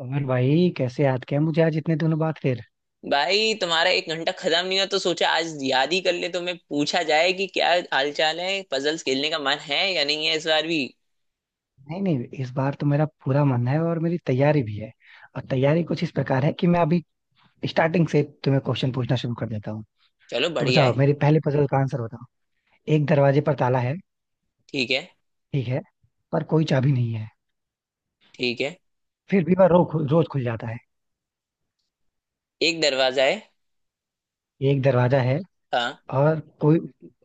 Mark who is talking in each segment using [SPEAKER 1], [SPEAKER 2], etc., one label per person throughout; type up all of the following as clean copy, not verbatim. [SPEAKER 1] और भाई, कैसे याद किया मुझे आज इतने दिनों बाद फिर?
[SPEAKER 2] भाई तुम्हारा एक घंटा खत्म नहीं हुआ तो सोचा आज याद ही कर ले, तुम्हें पूछा जाए कि क्या हालचाल है, पजल्स खेलने का मन है या नहीं है इस बार भी।
[SPEAKER 1] नहीं, नहीं, इस बार तो मेरा पूरा मन है और मेरी तैयारी भी है। और तैयारी कुछ इस प्रकार है कि मैं अभी स्टार्टिंग से तुम्हें क्वेश्चन पूछना शुरू कर देता हूँ।
[SPEAKER 2] चलो
[SPEAKER 1] तो
[SPEAKER 2] बढ़िया
[SPEAKER 1] बताओ,
[SPEAKER 2] है।
[SPEAKER 1] मेरी पहले पजल का आंसर बताओ। एक दरवाजे पर ताला है।
[SPEAKER 2] ठीक है।
[SPEAKER 1] ठीक है। पर कोई चाबी नहीं है।
[SPEAKER 2] ठीक है।
[SPEAKER 1] फिर भी वह रोज खुल जाता है।
[SPEAKER 2] एक दरवाजा है।
[SPEAKER 1] एक दरवाजा है।
[SPEAKER 2] हाँ।
[SPEAKER 1] और कोई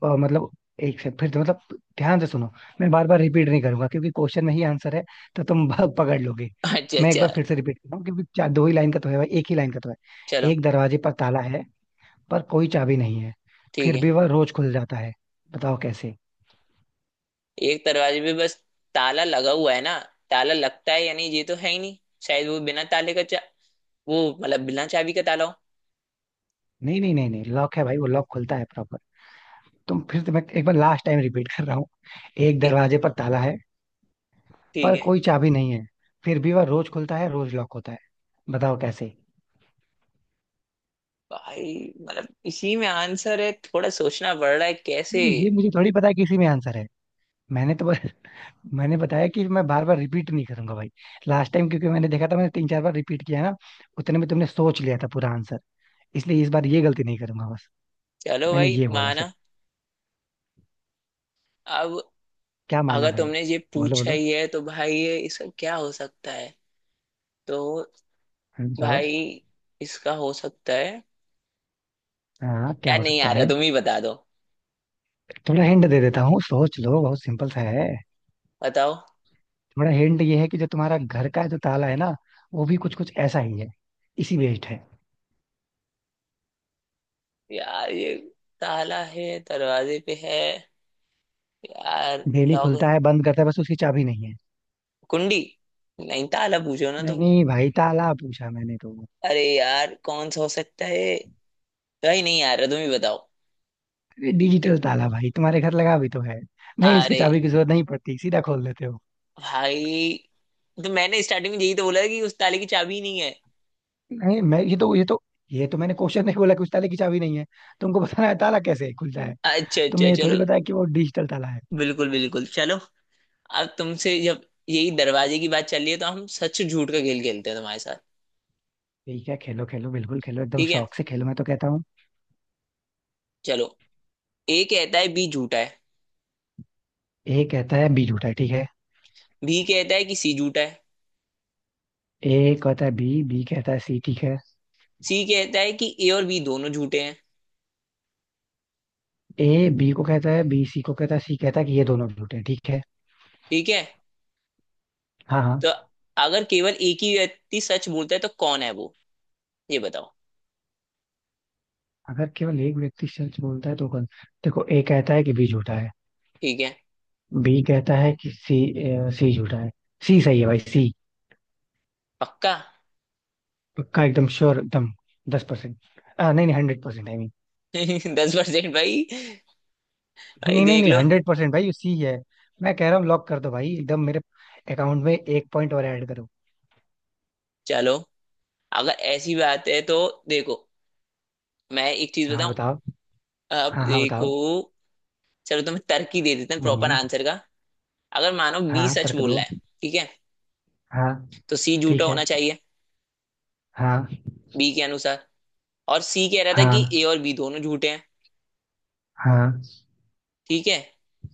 [SPEAKER 1] मतलब। एक से फिर तो मतलब। ध्यान से सुनो। मैं बार बार रिपीट नहीं करूंगा क्योंकि क्वेश्चन में ही आंसर है। तो तुम भाग पकड़ लोगे।
[SPEAKER 2] अच्छा
[SPEAKER 1] मैं एक
[SPEAKER 2] अच्छा।
[SPEAKER 1] बार फिर से रिपीट कर रहा हूँ, क्योंकि चार दो ही लाइन का तो है भाई, एक ही लाइन का तो है।
[SPEAKER 2] चलो
[SPEAKER 1] एक दरवाजे पर ताला है। पर कोई चाबी नहीं है।
[SPEAKER 2] ठीक
[SPEAKER 1] फिर
[SPEAKER 2] है।
[SPEAKER 1] भी वह रोज खुल जाता है। बताओ कैसे?
[SPEAKER 2] एक दरवाजे पे बस ताला लगा हुआ है ना। ताला लगता है या नहीं ये तो है ही नहीं। शायद वो बिना ताले का चा वो मतलब बिना चाबी का ताला हो।
[SPEAKER 1] नहीं, नहीं, नहीं, नहीं, लॉक है भाई। वो लॉक खुलता है प्रॉपर। तुम फिर से, मैं एक बार लास्ट टाइम रिपीट कर रहा हूँ। एक
[SPEAKER 2] एक।
[SPEAKER 1] दरवाजे पर ताला है।
[SPEAKER 2] ठीक
[SPEAKER 1] पर
[SPEAKER 2] है।
[SPEAKER 1] कोई चाबी नहीं है। फिर भी वह रोज खुलता है, रोज लॉक होता है। बताओ कैसे?
[SPEAKER 2] भाई मतलब इसी में आंसर है, थोड़ा सोचना पड़ रहा है कैसे।
[SPEAKER 1] नहीं, नहीं, ये मुझे थोड़ी पता है कि इसी में आंसर है। मैंने तो बस। मैंने बताया कि मैं बार बार रिपीट नहीं करूंगा भाई। लास्ट टाइम, क्योंकि मैंने देखा था मैंने तीन चार बार रिपीट किया ना। उतने में तुमने सोच लिया था पूरा आंसर। इसलिए इस बार ये गलती नहीं करूंगा बस।
[SPEAKER 2] चलो
[SPEAKER 1] मैंने
[SPEAKER 2] भाई
[SPEAKER 1] ये बोला
[SPEAKER 2] माना।
[SPEAKER 1] सिर्फ।
[SPEAKER 2] अब
[SPEAKER 1] क्या माना
[SPEAKER 2] अगर
[SPEAKER 1] भाई?
[SPEAKER 2] तुमने ये
[SPEAKER 1] बोलो,
[SPEAKER 2] पूछा
[SPEAKER 1] बोलो।
[SPEAKER 2] ही है तो भाई ये इसका क्या हो सकता है। तो
[SPEAKER 1] बताओ।
[SPEAKER 2] भाई इसका हो सकता है।
[SPEAKER 1] हाँ, क्या
[SPEAKER 2] यार
[SPEAKER 1] हो
[SPEAKER 2] नहीं
[SPEAKER 1] सकता
[SPEAKER 2] आ रहा,
[SPEAKER 1] है?
[SPEAKER 2] तुम ही बता दो।
[SPEAKER 1] थोड़ा हिंट दे देता हूँ, सोच लो, बहुत सिंपल सा है।
[SPEAKER 2] बताओ।
[SPEAKER 1] थोड़ा हिंट ये है कि जो तुम्हारा घर का, जो ताला है ना। वो भी कुछ कुछ ऐसा ही है। इसी बेस्ड है।
[SPEAKER 2] यार ये ताला है दरवाजे पे है। यार
[SPEAKER 1] डेली
[SPEAKER 2] लॉक।
[SPEAKER 1] खुलता है, बंद करता है, बस उसकी चाबी नहीं है।
[SPEAKER 2] कुंडी। नहीं ताला पूछो ना तुम।
[SPEAKER 1] नहीं भाई, ताला पूछा मैंने तो।
[SPEAKER 2] अरे यार कौन सा हो सकता है। भाई नहीं आ रहा, तुम ही बताओ।
[SPEAKER 1] ये डिजिटल ताला भाई तुम्हारे घर लगा भी तो है। नहीं, इसकी
[SPEAKER 2] अरे
[SPEAKER 1] चाबी की जरूरत नहीं पड़ती, सीधा खोल लेते हो।
[SPEAKER 2] भाई तो मैंने स्टार्टिंग में यही तो बोला था कि उस ताले की चाबी ही नहीं है।
[SPEAKER 1] नहीं, मैं ये तो। ये तो मैंने क्वेश्चन नहीं बोला कि उस ताले की चाबी नहीं है। तुमको बताना है ताला कैसे खुलता है।
[SPEAKER 2] अच्छा
[SPEAKER 1] तुमने
[SPEAKER 2] अच्छा
[SPEAKER 1] ये थोड़ी
[SPEAKER 2] चलो।
[SPEAKER 1] बताया कि वो डिजिटल ताला है।
[SPEAKER 2] बिल्कुल बिल्कुल चलो। अब तुमसे जब यही दरवाजे की बात चल रही है तो हम सच झूठ का खेल खेलते हैं तुम्हारे साथ।
[SPEAKER 1] ठीक है, खेलो खेलो, बिल्कुल खेलो, एकदम
[SPEAKER 2] ठीक है
[SPEAKER 1] शौक से खेलो, मैं तो कहता हूँ।
[SPEAKER 2] चलो। ए कहता है बी झूठा है।
[SPEAKER 1] ए कहता है बी झूठा है। ठीक है।
[SPEAKER 2] बी कहता है कि सी झूठा है।
[SPEAKER 1] ए कहता है बी, बी कहता है सी। ठीक है।
[SPEAKER 2] सी कहता है कि ए और बी दोनों झूठे हैं।
[SPEAKER 1] ए बी को कहता है, बी सी को कहता है, सी कहता है कि ये दोनों झूठे हैं। ठीक है।
[SPEAKER 2] ठीक है,
[SPEAKER 1] हाँ, हाँ।
[SPEAKER 2] तो अगर केवल एक ही व्यक्ति सच बोलता है तो कौन है वो, ये बताओ।
[SPEAKER 1] अगर केवल एक व्यक्ति सच बोलता है तो कौन? देखो, ए कहता है कि बी झूठा है।
[SPEAKER 2] ठीक है।
[SPEAKER 1] बी कहता है कि सी। सी झूठा है। सी सही है भाई, सी।
[SPEAKER 2] पक्का।
[SPEAKER 1] पक्का, एकदम श्योर, एकदम। 10%। नहीं, नहीं, 100%, आई मीन।
[SPEAKER 2] 10% भाई।
[SPEAKER 1] नहीं,
[SPEAKER 2] भाई
[SPEAKER 1] नहीं, नहीं,
[SPEAKER 2] देख
[SPEAKER 1] नहीं,
[SPEAKER 2] लो।
[SPEAKER 1] 100% भाई, सी है। मैं कह रहा हूँ लॉक कर दो भाई, एकदम मेरे। अकाउंट में एक पॉइंट और ऐड करो।
[SPEAKER 2] चलो अगर ऐसी बात है तो देखो मैं एक चीज
[SPEAKER 1] हाँ,
[SPEAKER 2] बताऊं।
[SPEAKER 1] बताओ।
[SPEAKER 2] अब
[SPEAKER 1] हाँ, हाँ,
[SPEAKER 2] देखो।
[SPEAKER 1] बताओ।
[SPEAKER 2] चलो तुम्हें तर्क ही दे देते हैं प्रॉपर
[SPEAKER 1] हम्म।
[SPEAKER 2] आंसर का। अगर मानो बी
[SPEAKER 1] हाँ,
[SPEAKER 2] सच
[SPEAKER 1] तर्क
[SPEAKER 2] बोल
[SPEAKER 1] दो।
[SPEAKER 2] रहा है, ठीक है,
[SPEAKER 1] हाँ।
[SPEAKER 2] तो सी झूठा
[SPEAKER 1] ठीक है।
[SPEAKER 2] होना चाहिए
[SPEAKER 1] हाँ।
[SPEAKER 2] बी के अनुसार। और सी कह रहा था कि
[SPEAKER 1] हाँ।
[SPEAKER 2] ए और बी दोनों झूठे हैं।
[SPEAKER 1] हाँ।
[SPEAKER 2] ठीक है।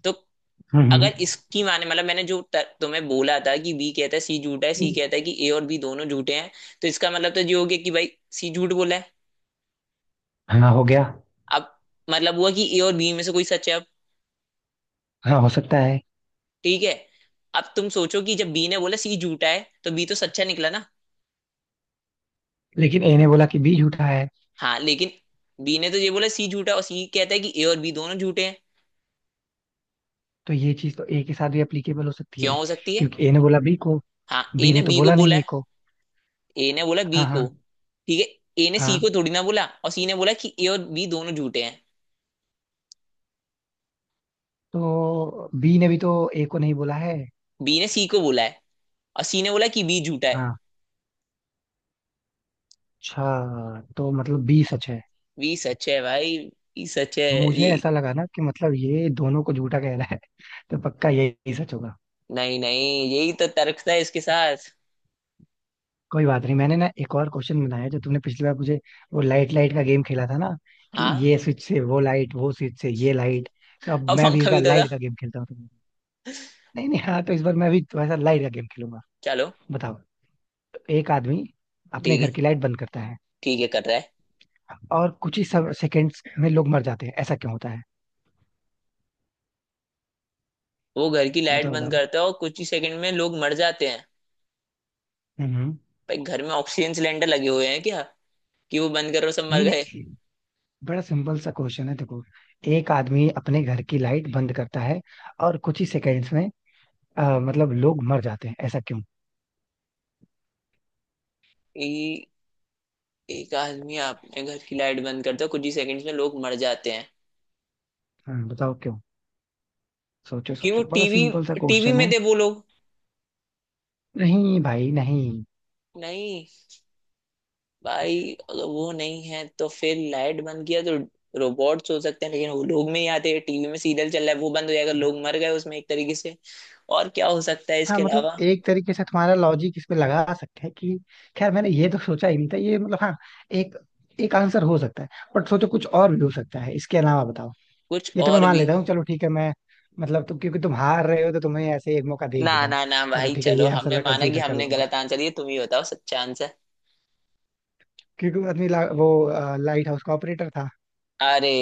[SPEAKER 2] तो
[SPEAKER 1] हम्म।
[SPEAKER 2] अगर इसकी माने, मतलब मैंने जो तुम्हें बोला था कि बी कहता है सी झूठा है, सी
[SPEAKER 1] हम्म।
[SPEAKER 2] कहता है कि ए और बी दोनों झूठे हैं। तो इसका मतलब तो ये हो गया कि भाई सी झूठ बोला है।
[SPEAKER 1] हाँ, हो गया।
[SPEAKER 2] अब मतलब हुआ कि ए और बी में से कोई सच है अब।
[SPEAKER 1] हाँ, हो सकता है।
[SPEAKER 2] ठीक है। अब तुम सोचो कि जब बी ने बोला सी झूठा है, तो बी तो सच्चा निकला ना।
[SPEAKER 1] लेकिन ए ने बोला कि बी झूठा है।
[SPEAKER 2] हाँ लेकिन बी ने तो ये बोला सी झूठा है और सी कहता है कि ए और बी दोनों झूठे हैं।
[SPEAKER 1] तो ये चीज तो ए के साथ भी एप्लीकेबल हो सकती
[SPEAKER 2] क्यों
[SPEAKER 1] है।
[SPEAKER 2] हो सकती है।
[SPEAKER 1] क्योंकि ए ने बोला बी को।
[SPEAKER 2] हाँ ए
[SPEAKER 1] बी
[SPEAKER 2] ने
[SPEAKER 1] ने तो
[SPEAKER 2] बी को
[SPEAKER 1] बोला
[SPEAKER 2] बोला
[SPEAKER 1] नहीं ए
[SPEAKER 2] है।
[SPEAKER 1] को।
[SPEAKER 2] ए ने बोला बी
[SPEAKER 1] हाँ,
[SPEAKER 2] को।
[SPEAKER 1] हाँ।
[SPEAKER 2] ठीक है, ए ने सी को
[SPEAKER 1] हाँ,
[SPEAKER 2] थोड़ी ना बोला, और सी ने बोला कि ए और बी दोनों झूठे हैं।
[SPEAKER 1] तो बी ने भी तो ए को नहीं बोला है।
[SPEAKER 2] बी ने सी को बोला है और सी ने बोला कि बी झूठा है।
[SPEAKER 1] हाँ। अच्छा, तो मतलब बी सच है।
[SPEAKER 2] बी सच है भाई। बी सच है।
[SPEAKER 1] मुझे
[SPEAKER 2] ये
[SPEAKER 1] ऐसा लगा ना कि मतलब ये दोनों को झूठा कह रहा है तो पक्का यही सच होगा।
[SPEAKER 2] नहीं नहीं यही तो तर्क था इसके साथ।
[SPEAKER 1] कोई बात नहीं, मैंने ना एक और क्वेश्चन बनाया जो तुमने पिछली बार मुझे। वो लाइट लाइट का गेम खेला था ना। कि
[SPEAKER 2] हाँ।
[SPEAKER 1] ये स्विच से वो लाइट, वो स्विच से ये लाइट। तो अब
[SPEAKER 2] और
[SPEAKER 1] मैं भी इस
[SPEAKER 2] पंखा भी
[SPEAKER 1] बार
[SPEAKER 2] तो था।
[SPEAKER 1] लाइट का गेम खेलता हूँ तुमसे। नहीं, नहीं, हाँ, तो इस बार मैं भी थोड़ा सा लाइट का गेम खेलूंगा।
[SPEAKER 2] चलो।
[SPEAKER 1] बताओ। तो एक आदमी अपने
[SPEAKER 2] ठीक
[SPEAKER 1] घर
[SPEAKER 2] है।
[SPEAKER 1] की लाइट बंद करता है,
[SPEAKER 2] ठीक है कर रहा है।
[SPEAKER 1] और कुछ ही सेकंड्स में लोग मर जाते हैं। ऐसा क्यों होता है?
[SPEAKER 2] वो घर की लाइट
[SPEAKER 1] बताओ,
[SPEAKER 2] बंद
[SPEAKER 1] बताओ।
[SPEAKER 2] करता है और कुछ ही सेकंड में लोग मर जाते हैं।
[SPEAKER 1] हम्म।
[SPEAKER 2] भाई घर में ऑक्सीजन सिलेंडर लगे हुए हैं क्या कि वो बंद करो सब मर
[SPEAKER 1] नहीं,
[SPEAKER 2] गए।
[SPEAKER 1] नहीं, बड़ा सिंपल सा क्वेश्चन है, देखो। एक आदमी अपने घर की लाइट बंद करता है। और कुछ ही सेकंड्स में मतलब लोग मर जाते हैं। ऐसा क्यों?
[SPEAKER 2] ई, एक आदमी अपने घर की लाइट बंद करता है, कुछ ही सेकंड्स में लोग मर जाते हैं।
[SPEAKER 1] हाँ, बताओ क्यों? सोचो,
[SPEAKER 2] कि वो
[SPEAKER 1] सोचो, बड़ा
[SPEAKER 2] टीवी
[SPEAKER 1] सिंपल सा
[SPEAKER 2] टीवी
[SPEAKER 1] क्वेश्चन
[SPEAKER 2] में
[SPEAKER 1] है।
[SPEAKER 2] थे वो लोग।
[SPEAKER 1] नहीं भाई, नहीं।
[SPEAKER 2] नहीं भाई, अगर वो नहीं है तो फिर लाइट बंद किया तो रोबोट्स हो सकते हैं, लेकिन वो लोग में ही आते हैं। टीवी में सीरियल चल रहा है, वो बंद हो जाएगा, लोग मर गए उसमें एक तरीके से। और क्या हो सकता है
[SPEAKER 1] हाँ,
[SPEAKER 2] इसके
[SPEAKER 1] मतलब
[SPEAKER 2] अलावा।
[SPEAKER 1] एक तरीके से तुम्हारा लॉजिक इस पे लगा सकते हैं कि। खैर मैंने ये तो सोचा ही नहीं था ये, मतलब, हाँ। एक एक आंसर हो सकता है। बट सोचो कुछ और भी हो सकता है इसके अलावा, बताओ।
[SPEAKER 2] कुछ
[SPEAKER 1] ये तो मैं
[SPEAKER 2] और
[SPEAKER 1] मान
[SPEAKER 2] भी।
[SPEAKER 1] लेता हूँ, चलो ठीक है, मैं। मतलब तुम क्योंकि तुम हार रहे हो, तो तुम्हें ऐसे ही एक मौका दे ही
[SPEAKER 2] ना
[SPEAKER 1] देता हूँ।
[SPEAKER 2] ना ना
[SPEAKER 1] चलो
[SPEAKER 2] भाई,
[SPEAKER 1] ठीक है, ये
[SPEAKER 2] चलो
[SPEAKER 1] आंसर
[SPEAKER 2] हमने
[SPEAKER 1] मैं
[SPEAKER 2] माना कि
[SPEAKER 1] कंसीडर कर
[SPEAKER 2] हमने
[SPEAKER 1] लूंगा।
[SPEAKER 2] गलत आंसर दिया, तुम ही बताओ सच्चा आंसर।
[SPEAKER 1] क्योंकि वो आदमी वो लाइट हाउस का ऑपरेटर था।
[SPEAKER 2] अरे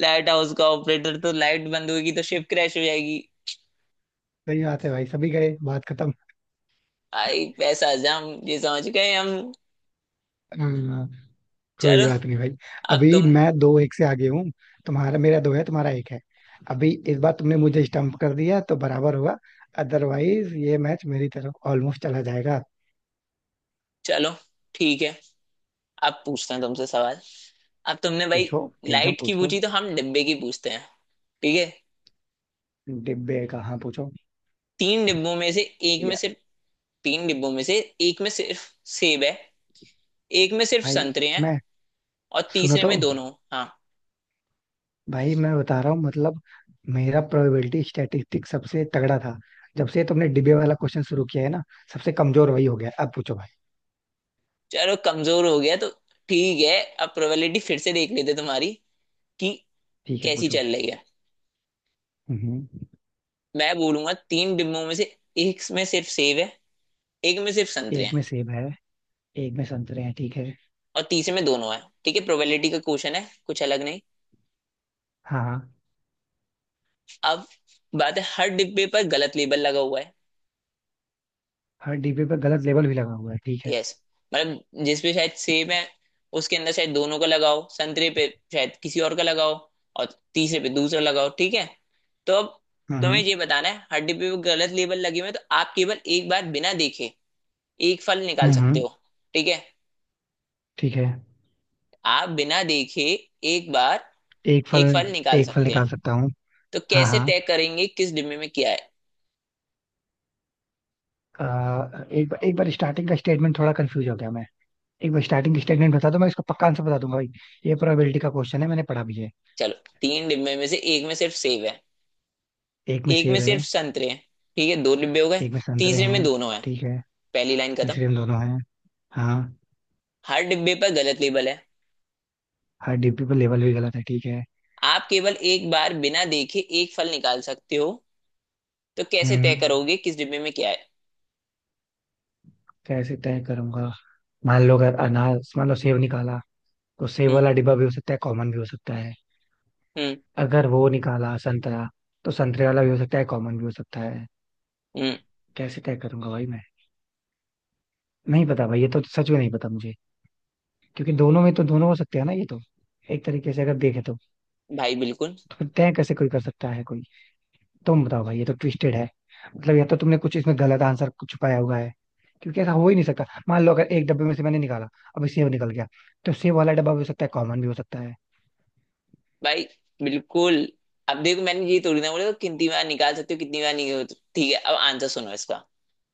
[SPEAKER 2] लाइट हाउस का ऑपरेटर तो, लाइट बंद होगी तो शिप क्रैश हो जाएगी।
[SPEAKER 1] सही बात है भाई, सभी गए, बात खत्म।
[SPEAKER 2] भाई पैसा जम, ये समझ गए हम।
[SPEAKER 1] हाँ। कोई
[SPEAKER 2] चलो।
[SPEAKER 1] बात नहीं भाई।
[SPEAKER 2] अब
[SPEAKER 1] अभी
[SPEAKER 2] तुम
[SPEAKER 1] मैं दो एक से आगे हूँ। तुम्हारा मेरा दो है, तुम्हारा एक है। अभी इस बार तुमने मुझे स्टम्प कर दिया तो बराबर हुआ। अदरवाइज ये मैच मेरी तरफ ऑलमोस्ट चला जाएगा।
[SPEAKER 2] चलो ठीक है, अब पूछते हैं तुमसे सवाल। अब तुमने भाई
[SPEAKER 1] पूछो। एकदम
[SPEAKER 2] लाइट की
[SPEAKER 1] पूछो।
[SPEAKER 2] पूछी, तो हम डिब्बे की पूछते हैं। ठीक है।
[SPEAKER 1] डिब्बे का, हाँ, पूछो।
[SPEAKER 2] तीन डिब्बों में से एक में
[SPEAKER 1] यार।
[SPEAKER 2] सिर्फ तीन डिब्बों में से एक में सिर्फ सेब है, एक में सिर्फ
[SPEAKER 1] भाई,
[SPEAKER 2] संतरे हैं,
[SPEAKER 1] मैं।
[SPEAKER 2] और
[SPEAKER 1] सुनो
[SPEAKER 2] तीसरे
[SPEAKER 1] तो।
[SPEAKER 2] में दोनों। हाँ।
[SPEAKER 1] भाई मैं बता रहा हूँ, मतलब। मेरा प्रोबेबिलिटी स्टैटिस्टिक्स सबसे तगड़ा था। जब से तुमने डिबे वाला क्वेश्चन शुरू किया है ना। सबसे कमजोर वही हो गया है। अब पूछो भाई।
[SPEAKER 2] चलो कमजोर हो गया तो ठीक है, अब प्रोबेबिलिटी फिर से देख लेते तुम्हारी कि
[SPEAKER 1] ठीक है,
[SPEAKER 2] कैसी
[SPEAKER 1] पूछो।
[SPEAKER 2] चल रही है।
[SPEAKER 1] हम्म।
[SPEAKER 2] मैं बोलूंगा तीन डिब्बों में से एक में सिर्फ सेब है, एक में सिर्फ संतरे
[SPEAKER 1] एक
[SPEAKER 2] हैं,
[SPEAKER 1] में सेब है। एक में संतरे हैं। ठीक है।
[SPEAKER 2] और तीसरे में दोनों है। ठीक है, प्रोबेबिलिटी का क्वेश्चन है कुछ अलग नहीं।
[SPEAKER 1] हाँ, हाँ।
[SPEAKER 2] अब बात है, हर डिब्बे पर गलत लेबल लगा हुआ है।
[SPEAKER 1] हर डिब्बे पे गलत लेबल भी लगा हुआ है। ठीक है।
[SPEAKER 2] यस, मतलब जिस पे शायद सेब है, उसके अंदर शायद दोनों का लगाओ, संतरे पे शायद किसी और का लगाओ, और तीसरे पे दूसरा लगाओ। ठीक है। तो अब तुम्हें
[SPEAKER 1] हम्म,
[SPEAKER 2] ये बताना है, हर डिब्बे पे गलत लेबल लगे हुए हैं, तो आप केवल एक बार बिना देखे एक फल निकाल सकते
[SPEAKER 1] हम्म।
[SPEAKER 2] हो। ठीक है।
[SPEAKER 1] ठीक है।
[SPEAKER 2] आप बिना देखे एक बार
[SPEAKER 1] एक फल।
[SPEAKER 2] एक फल निकाल
[SPEAKER 1] एक फल
[SPEAKER 2] सकते हैं,
[SPEAKER 1] निकाल सकता हूँ।
[SPEAKER 2] तो
[SPEAKER 1] हाँ,
[SPEAKER 2] कैसे
[SPEAKER 1] हाँ।
[SPEAKER 2] तय करेंगे किस डिब्बे में क्या है।
[SPEAKER 1] एक बार स्टार्टिंग का स्टेटमेंट थोड़ा कंफ्यूज हो गया मैं। एक बार स्टार्टिंग स्टेटमेंट बता दो, मैं इसका पक्का आंसर बता दूंगा भाई। ये प्रोबेबिलिटी का क्वेश्चन है, मैंने पढ़ा भी है।
[SPEAKER 2] चलो, तीन डिब्बे में से एक में सिर्फ सेब है,
[SPEAKER 1] एक में
[SPEAKER 2] एक में
[SPEAKER 1] सेब
[SPEAKER 2] सिर्फ
[SPEAKER 1] है।
[SPEAKER 2] संतरे हैं, ठीक है दो डिब्बे हो गए,
[SPEAKER 1] एक में संतरे
[SPEAKER 2] तीसरे में
[SPEAKER 1] हैं।
[SPEAKER 2] दोनों है।
[SPEAKER 1] ठीक है।
[SPEAKER 2] पहली लाइन खत्म।
[SPEAKER 1] तीसरे में दोनों हैं। हाँ।
[SPEAKER 2] हर डिब्बे पर गलत लेबल है।
[SPEAKER 1] हर डिब्बे पर लेबल भी गलत है। ठीक है।
[SPEAKER 2] आप केवल एक बार बिना देखे एक फल निकाल सकते हो, तो कैसे तय
[SPEAKER 1] हम्म।
[SPEAKER 2] करोगे किस डिब्बे में क्या है।
[SPEAKER 1] कैसे तय करूंगा? मान लो, अगर अनार, मान लो सेब निकाला। तो सेब
[SPEAKER 2] हम्म।
[SPEAKER 1] वाला डिब्बा भी हो सकता है, कॉमन भी हो सकता है।
[SPEAKER 2] हम्म।
[SPEAKER 1] अगर वो निकाला संतरा। तो संतरे वाला भी हो सकता है, कॉमन भी हो सकता है।
[SPEAKER 2] हम्म।
[SPEAKER 1] कैसे तय करूंगा भाई मैं? नहीं पता भाई, ये तो सच में नहीं पता मुझे। क्योंकि दोनों में तो दोनों हो सकते हैं ना, ये तो। एक तरीके से अगर देखे तो।
[SPEAKER 2] भाई बिल्कुल।
[SPEAKER 1] तो तय कैसे कोई कर सकता है, कोई? तुम बताओ भाई, ये तो ट्विस्टेड है। मतलब या तो तुमने कुछ इसमें गलत आंसर छुपाया हुआ है। क्योंकि ऐसा हो ही नहीं सकता, मान लो अगर एक डब्बे में से मैंने निकाला। अब सेब निकल गया। तो सेब वाला डब्बा भी हो सकता है, कॉमन भी हो सकता है।
[SPEAKER 2] भाई बिल्कुल। अब देखो मैंने ये थोड़ी ना बोला तो कितनी बार निकाल सकते हो कितनी बार नहीं। ठीक है, अब आंसर सुनो इसका।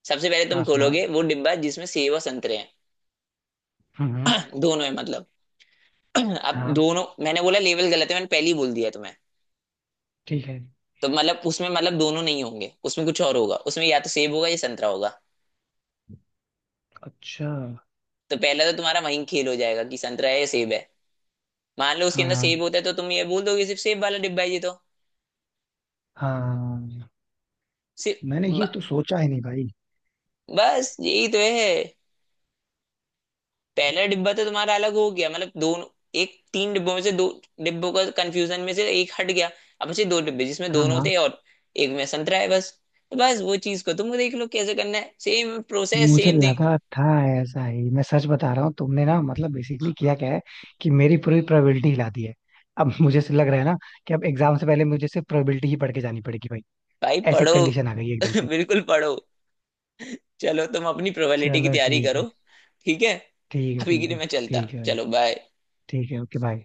[SPEAKER 2] सबसे पहले तुम
[SPEAKER 1] हाँ, सुनाओ।
[SPEAKER 2] खोलोगे वो डिब्बा जिसमें सेब और संतरे हैं।
[SPEAKER 1] हम्म, हम्म।
[SPEAKER 2] दोनों है मतलब। अब
[SPEAKER 1] हाँ।
[SPEAKER 2] दोनों, मैंने बोला लेवल गलत है, मैंने पहले ही बोल दिया तुम्हें।
[SPEAKER 1] ठीक है।
[SPEAKER 2] तो मतलब उसमें, मतलब दोनों नहीं होंगे उसमें, कुछ और होगा उसमें, या तो सेब होगा या संतरा होगा।
[SPEAKER 1] अच्छा।
[SPEAKER 2] तो पहला तो तुम्हारा वहीं खेल हो जाएगा कि संतरा है या सेब है। मान लो उसके अंदर
[SPEAKER 1] हाँ,
[SPEAKER 2] सेब होता है तो तुम ये बोल दोगे सिर्फ सेब वाला डिब्बा है ये तो।
[SPEAKER 1] हाँ।
[SPEAKER 2] सिर्फ
[SPEAKER 1] मैंने
[SPEAKER 2] ब-
[SPEAKER 1] ये तो सोचा ही नहीं भाई।
[SPEAKER 2] बस यही तो है। पहला डिब्बा तो तुम्हारा अलग हो गया, मतलब दोनों, एक तीन डिब्बों में से दो डिब्बों का कंफ्यूजन में से एक हट गया। अब बचे दो डिब्बे जिसमें
[SPEAKER 1] हाँ,
[SPEAKER 2] दोनों
[SPEAKER 1] हाँ।
[SPEAKER 2] थे और एक में संतरा है बस। तो बस वो चीज को तुम देख लो कैसे करना है, सेम प्रोसेस
[SPEAKER 1] मुझे
[SPEAKER 2] सेम थिंग।
[SPEAKER 1] लगा था। ऐसा ही मैं, सच बता रहा हूँ तुमने ना, मतलब बेसिकली किया क्या है। कि मेरी पूरी प्रोबेबिलिटी हिला दी है। अब मुझे से लग रहा है ना। कि अब एग्जाम से पहले मुझे सिर्फ प्रोबेबिलिटी ही पढ़ के जानी पड़ेगी भाई।
[SPEAKER 2] भाई
[SPEAKER 1] ऐसी
[SPEAKER 2] पढ़ो।
[SPEAKER 1] कंडीशन आ गई है एकदम से।
[SPEAKER 2] बिल्कुल पढ़ो। चलो तुम अपनी प्रोबेबिलिटी की
[SPEAKER 1] चलो,
[SPEAKER 2] तैयारी
[SPEAKER 1] ठीक
[SPEAKER 2] करो।
[SPEAKER 1] है।
[SPEAKER 2] ठीक है।
[SPEAKER 1] ठीक है,
[SPEAKER 2] अभी के
[SPEAKER 1] ठीक
[SPEAKER 2] लिए
[SPEAKER 1] है।
[SPEAKER 2] मैं चलता,
[SPEAKER 1] ठीक है भाई।
[SPEAKER 2] चलो बाय।
[SPEAKER 1] ठीक है, ओके, बाय।